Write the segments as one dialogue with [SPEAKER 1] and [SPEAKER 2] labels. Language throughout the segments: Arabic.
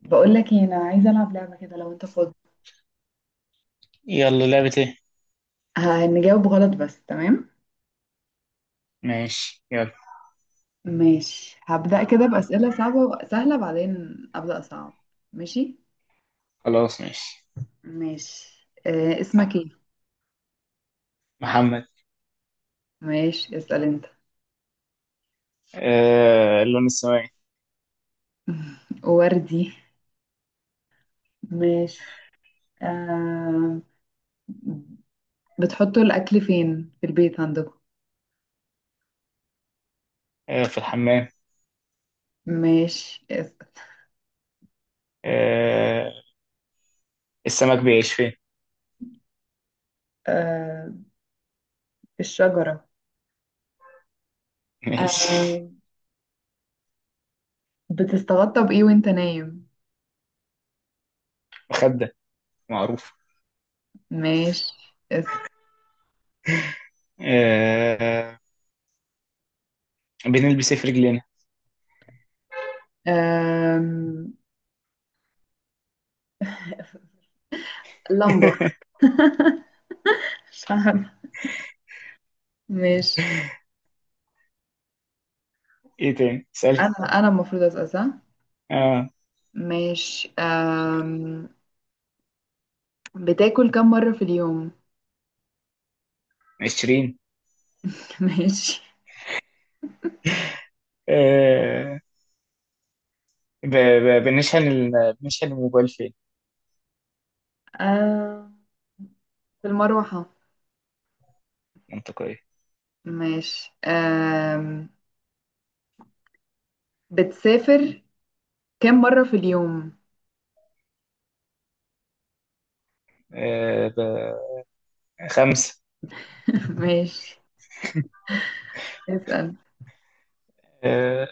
[SPEAKER 1] بقول لك ايه؟ انا عايزه العب لعبه كده لو انت فاضي.
[SPEAKER 2] يلا، لعبة ايه؟
[SPEAKER 1] هنجاوب غلط بس تمام.
[SPEAKER 2] ماشي، يلا.
[SPEAKER 1] ماشي، هبدأ كده بأسئلة صعبة وسهلة، بعدين أبدأ صعب. ماشي.
[SPEAKER 2] خلاص، ماشي.
[SPEAKER 1] ماشي، اسمك ايه؟
[SPEAKER 2] محمد.
[SPEAKER 1] ماشي، اسأل انت.
[SPEAKER 2] اللون السماوي.
[SPEAKER 1] وردي. ماشي. آه. بتحطوا الأكل فين في البيت عندكم؟
[SPEAKER 2] في الحمام.
[SPEAKER 1] ماشي، اسأل.
[SPEAKER 2] آه السمك بيعيش فين؟
[SPEAKER 1] آه. الشجرة.
[SPEAKER 2] ماشي.
[SPEAKER 1] آه. بتستغطى بإيه وانت نايم؟
[SPEAKER 2] مخدة. معروف.
[SPEAKER 1] ماشي، اسأل.
[SPEAKER 2] آه بنلبس ايه في رجلينا؟
[SPEAKER 1] آه. لمبة. مش عارفة. ماشي.
[SPEAKER 2] ايه تاني سأل؟
[SPEAKER 1] أنا المفروض أسأل، صح؟
[SPEAKER 2] اه
[SPEAKER 1] ماشي. بتاكل كم مرة في اليوم؟
[SPEAKER 2] 20.
[SPEAKER 1] ماشي.
[SPEAKER 2] آه بنشحن الموبايل فين؟
[SPEAKER 1] أم... في المروحة.
[SPEAKER 2] منطقية.
[SPEAKER 1] ماشي. بتسافر كم مرة في اليوم؟
[SPEAKER 2] آه ب... 5.
[SPEAKER 1] ماشي، اسأل.
[SPEAKER 2] آه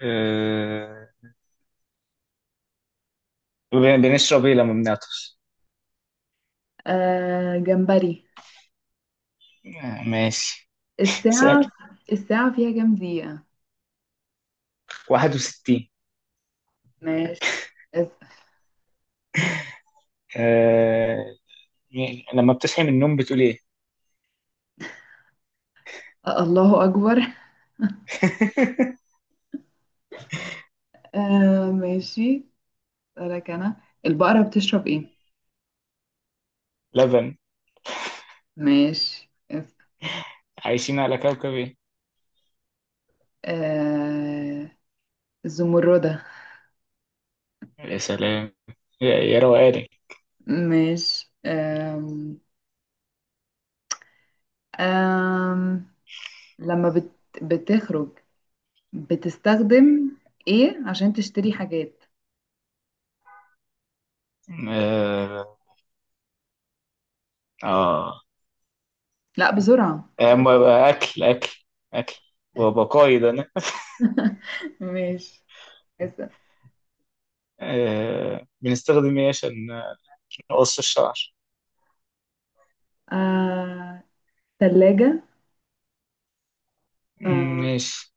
[SPEAKER 2] آه بنشرب ايه لما بنعطش؟
[SPEAKER 1] جمبري.
[SPEAKER 2] ماشي.
[SPEAKER 1] الساعة.
[SPEAKER 2] سأل.
[SPEAKER 1] الساعة فيها كم دقيقة؟
[SPEAKER 2] 61.
[SPEAKER 1] ماشي، اسأل.
[SPEAKER 2] آه... يعني لما بتصحي من النوم بتقول ايه؟
[SPEAKER 1] أه، الله أكبر. ماشي. أسألك أنا. البقرة بتشرب إيه؟
[SPEAKER 2] لبن.
[SPEAKER 1] ماشي.
[SPEAKER 2] عايشين على كوكب ايه؟
[SPEAKER 1] آه... الزمردة.
[SPEAKER 2] يا سلام. يا يا روقاني.
[SPEAKER 1] ماشي. آم... لما بتخرج، بتستخدم ايه عشان تشتري حاجات؟
[SPEAKER 2] اه، اه.
[SPEAKER 1] لا بسرعة.
[SPEAKER 2] أما اكل اكل اكل وبقايد انا.
[SPEAKER 1] ماشي، اسأل.
[SPEAKER 2] بنستخدم ايه عشان نقص الشعر؟
[SPEAKER 1] آه... تلاجة.
[SPEAKER 2] مم،
[SPEAKER 1] آه...
[SPEAKER 2] ماشي.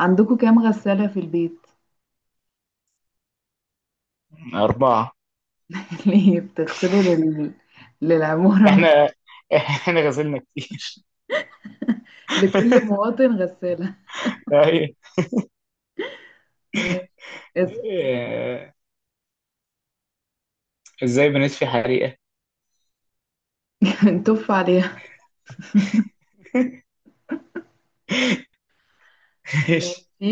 [SPEAKER 1] عندكم كام غسالة في البيت؟
[SPEAKER 2] 4.
[SPEAKER 1] ليه بتغسلوا للعمارة ولا؟
[SPEAKER 2] احنا احنا غسلنا كتير.
[SPEAKER 1] لكل مواطن غسالة.
[SPEAKER 2] طيب.
[SPEAKER 1] ماشي، اسأل.
[SPEAKER 2] آه، ازاي بنطفي حريقة؟
[SPEAKER 1] نتف عليها.
[SPEAKER 2] ماشي.
[SPEAKER 1] ماشي.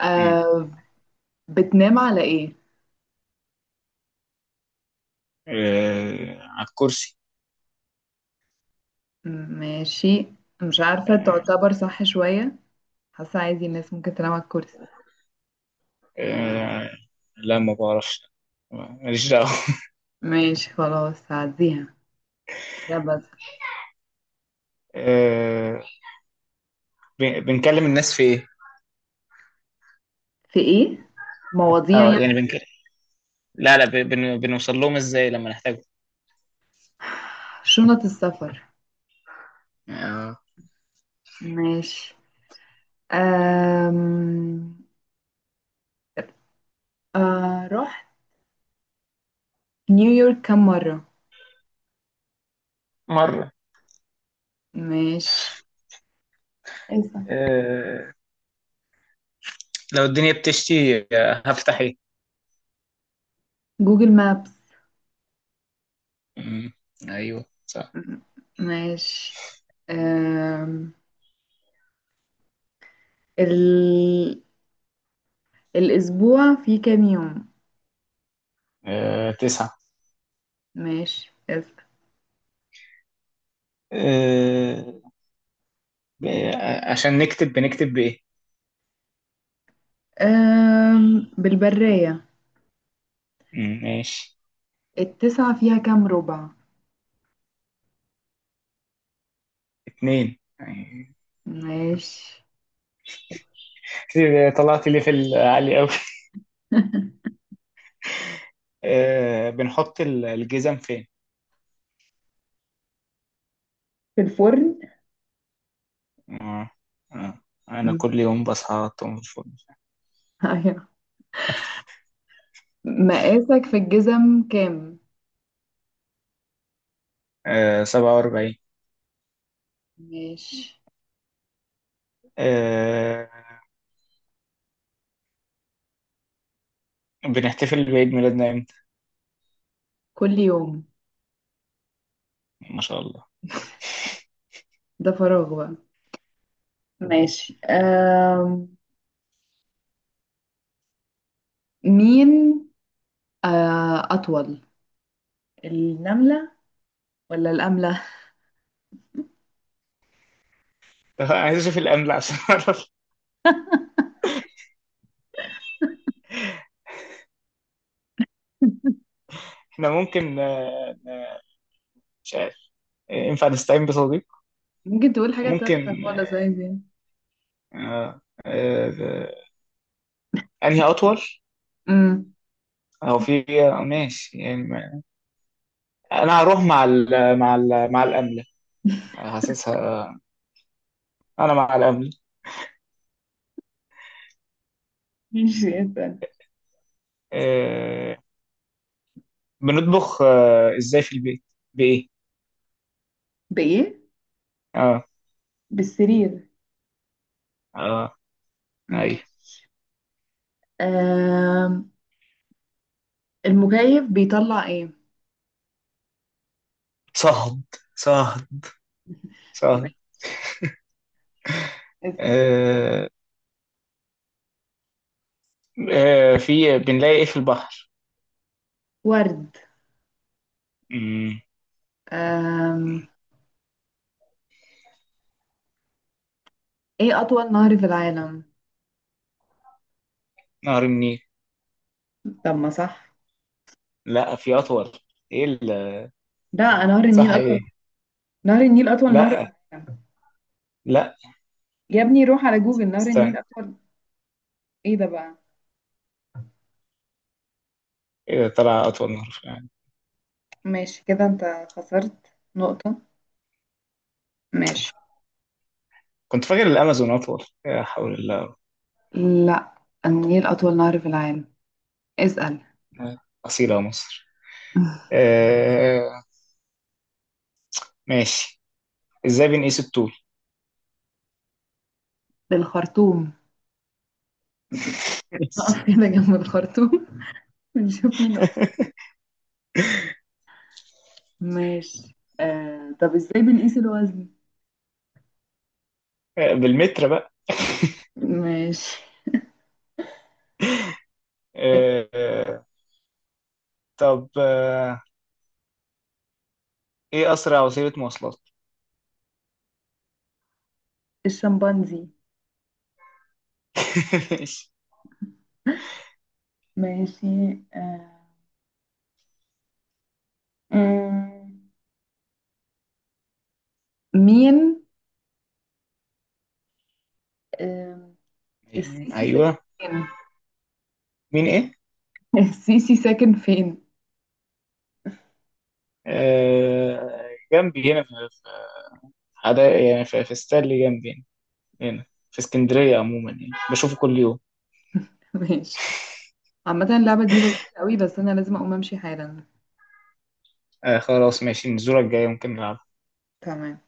[SPEAKER 1] آه... بتنام على ايه؟
[SPEAKER 2] على الكرسي.
[SPEAKER 1] ماشي. مش عارفة،
[SPEAKER 2] آه،
[SPEAKER 1] تعتبر صح شوية. حاسة عادي الناس ممكن تنام على الكرسي.
[SPEAKER 2] آه، لا، ما بعرفش. ماليش دعوة.
[SPEAKER 1] ماشي خلاص، هعديها ده بس.
[SPEAKER 2] آه، بنكلم الناس في ايه؟
[SPEAKER 1] في ايه؟ مواضيع
[SPEAKER 2] اه،
[SPEAKER 1] يعني.
[SPEAKER 2] يعني بنكلم. لا، لا، بنوصل لهم ازاي لما نحتاجهم؟
[SPEAKER 1] شنط السفر.
[SPEAKER 2] آه،
[SPEAKER 1] ماشي. أم... آه رحت نيويورك كم مرة؟
[SPEAKER 2] مرة.
[SPEAKER 1] ماشي. إيه؟
[SPEAKER 2] آه، لو الدنيا بتشتي هفتح ايه؟
[SPEAKER 1] جوجل مابس.
[SPEAKER 2] مم، ايوه صح.
[SPEAKER 1] م- ماشي. أم... ال... الأسبوع فيه كام يوم؟
[SPEAKER 2] 9.
[SPEAKER 1] ماشي.
[SPEAKER 2] آه، ب- آه، عشان نكتب بنكتب بايه؟
[SPEAKER 1] بالبرية.
[SPEAKER 2] مم، ماشي.
[SPEAKER 1] التسعة فيها كام ربع؟
[SPEAKER 2] 2.
[SPEAKER 1] ماشي.
[SPEAKER 2] كتير طلعت لي في العالي قوي. بنحط الجزم فين؟
[SPEAKER 1] في الفرن.
[SPEAKER 2] آه، آه. أنا كل
[SPEAKER 1] م-
[SPEAKER 2] يوم بصحى على طول الفل.
[SPEAKER 1] أيوة. مقاسك في الجزم كام؟
[SPEAKER 2] 47.
[SPEAKER 1] ماشي.
[SPEAKER 2] آه، بنحتفل بعيد ميلادنا إمتى؟
[SPEAKER 1] كل يوم.
[SPEAKER 2] ما شاء الله.
[SPEAKER 1] ده فراغ بقى. ماشي. مين؟ أطول النملة ولا الأملة؟
[SPEAKER 2] عايز أشوف الأمل عشان أعرف إحنا ممكن. مش عارف. ينفع نستعين بصديق؟
[SPEAKER 1] ممكن تقول حاجة تالتة
[SPEAKER 2] ممكن.
[SPEAKER 1] خالص، عادي.
[SPEAKER 2] آه، آه، أنهي أطول؟
[SPEAKER 1] امم
[SPEAKER 2] أو في، ماشي يعني. أنا هروح مع الأمل. حاسسها. أنا مع الأمل.
[SPEAKER 1] ماشي، اسأل.
[SPEAKER 2] آه، بنطبخ ازاي في البيت؟ بايه؟
[SPEAKER 1] بإيه؟
[SPEAKER 2] اه،
[SPEAKER 1] بالسرير.
[SPEAKER 2] اه، ايوه.
[SPEAKER 1] ماشي. أم المكيف بيطلع إيه؟
[SPEAKER 2] صهد، صهد، صهد.
[SPEAKER 1] اسأل.
[SPEAKER 2] آه في بنلاقي ايه في البحر؟
[SPEAKER 1] ورد.
[SPEAKER 2] مم.
[SPEAKER 1] أم... ايه اطول نهر في العالم؟
[SPEAKER 2] نهر النيل.
[SPEAKER 1] طب ما صح.
[SPEAKER 2] لا، في اطول. ايه
[SPEAKER 1] لا، نهر النيل
[SPEAKER 2] صح
[SPEAKER 1] اطول.
[SPEAKER 2] ايه؟
[SPEAKER 1] نهر النيل اطول نهر في
[SPEAKER 2] لا،
[SPEAKER 1] العالم.
[SPEAKER 2] لا،
[SPEAKER 1] يا ابني روح على جوجل، نهر
[SPEAKER 2] استنى.
[SPEAKER 1] النيل اطول. ايه ده بقى؟
[SPEAKER 2] ايه ده طلع اطول نهر في العالم؟
[SPEAKER 1] ماشي كده انت خسرت نقطة. ماشي.
[SPEAKER 2] كنت فاكر الامازون اطول. لا حول الله.
[SPEAKER 1] لا، النيل اطول نهر في العالم. اسأل.
[SPEAKER 2] اصيله يا مصر. آه ماشي. ازاي بنقيس الطول؟
[SPEAKER 1] بالخرطوم. نقف كده جنب الخرطوم، ونشوف مين أصغر. ماشي. طب ازاي بنقيس الوزن؟
[SPEAKER 2] بالمتر بقى.
[SPEAKER 1] ماشي.
[SPEAKER 2] آه، آه، طب ايه اسرع وسيله مواصلات؟
[SPEAKER 1] الشمبانزي.
[SPEAKER 2] ماشي.
[SPEAKER 1] ماشي. آه، آم، مين؟ آم، السيسي ساكن
[SPEAKER 2] ايوه.
[SPEAKER 1] فين؟
[SPEAKER 2] مين ايه؟
[SPEAKER 1] السيسي ساكن فين؟
[SPEAKER 2] جنبي هنا في حدا يعني في ستانلي جنبي هنا. هنا في اسكندريه عموما يعني بشوفه كل يوم.
[SPEAKER 1] ماشي. عامة اللعبة دي لذيذة قوي، بس أنا لازم أقوم أمشي حالا.
[SPEAKER 2] خلاص، ماشي. من الزوره الجايه ممكن نلعب.
[SPEAKER 1] تمام.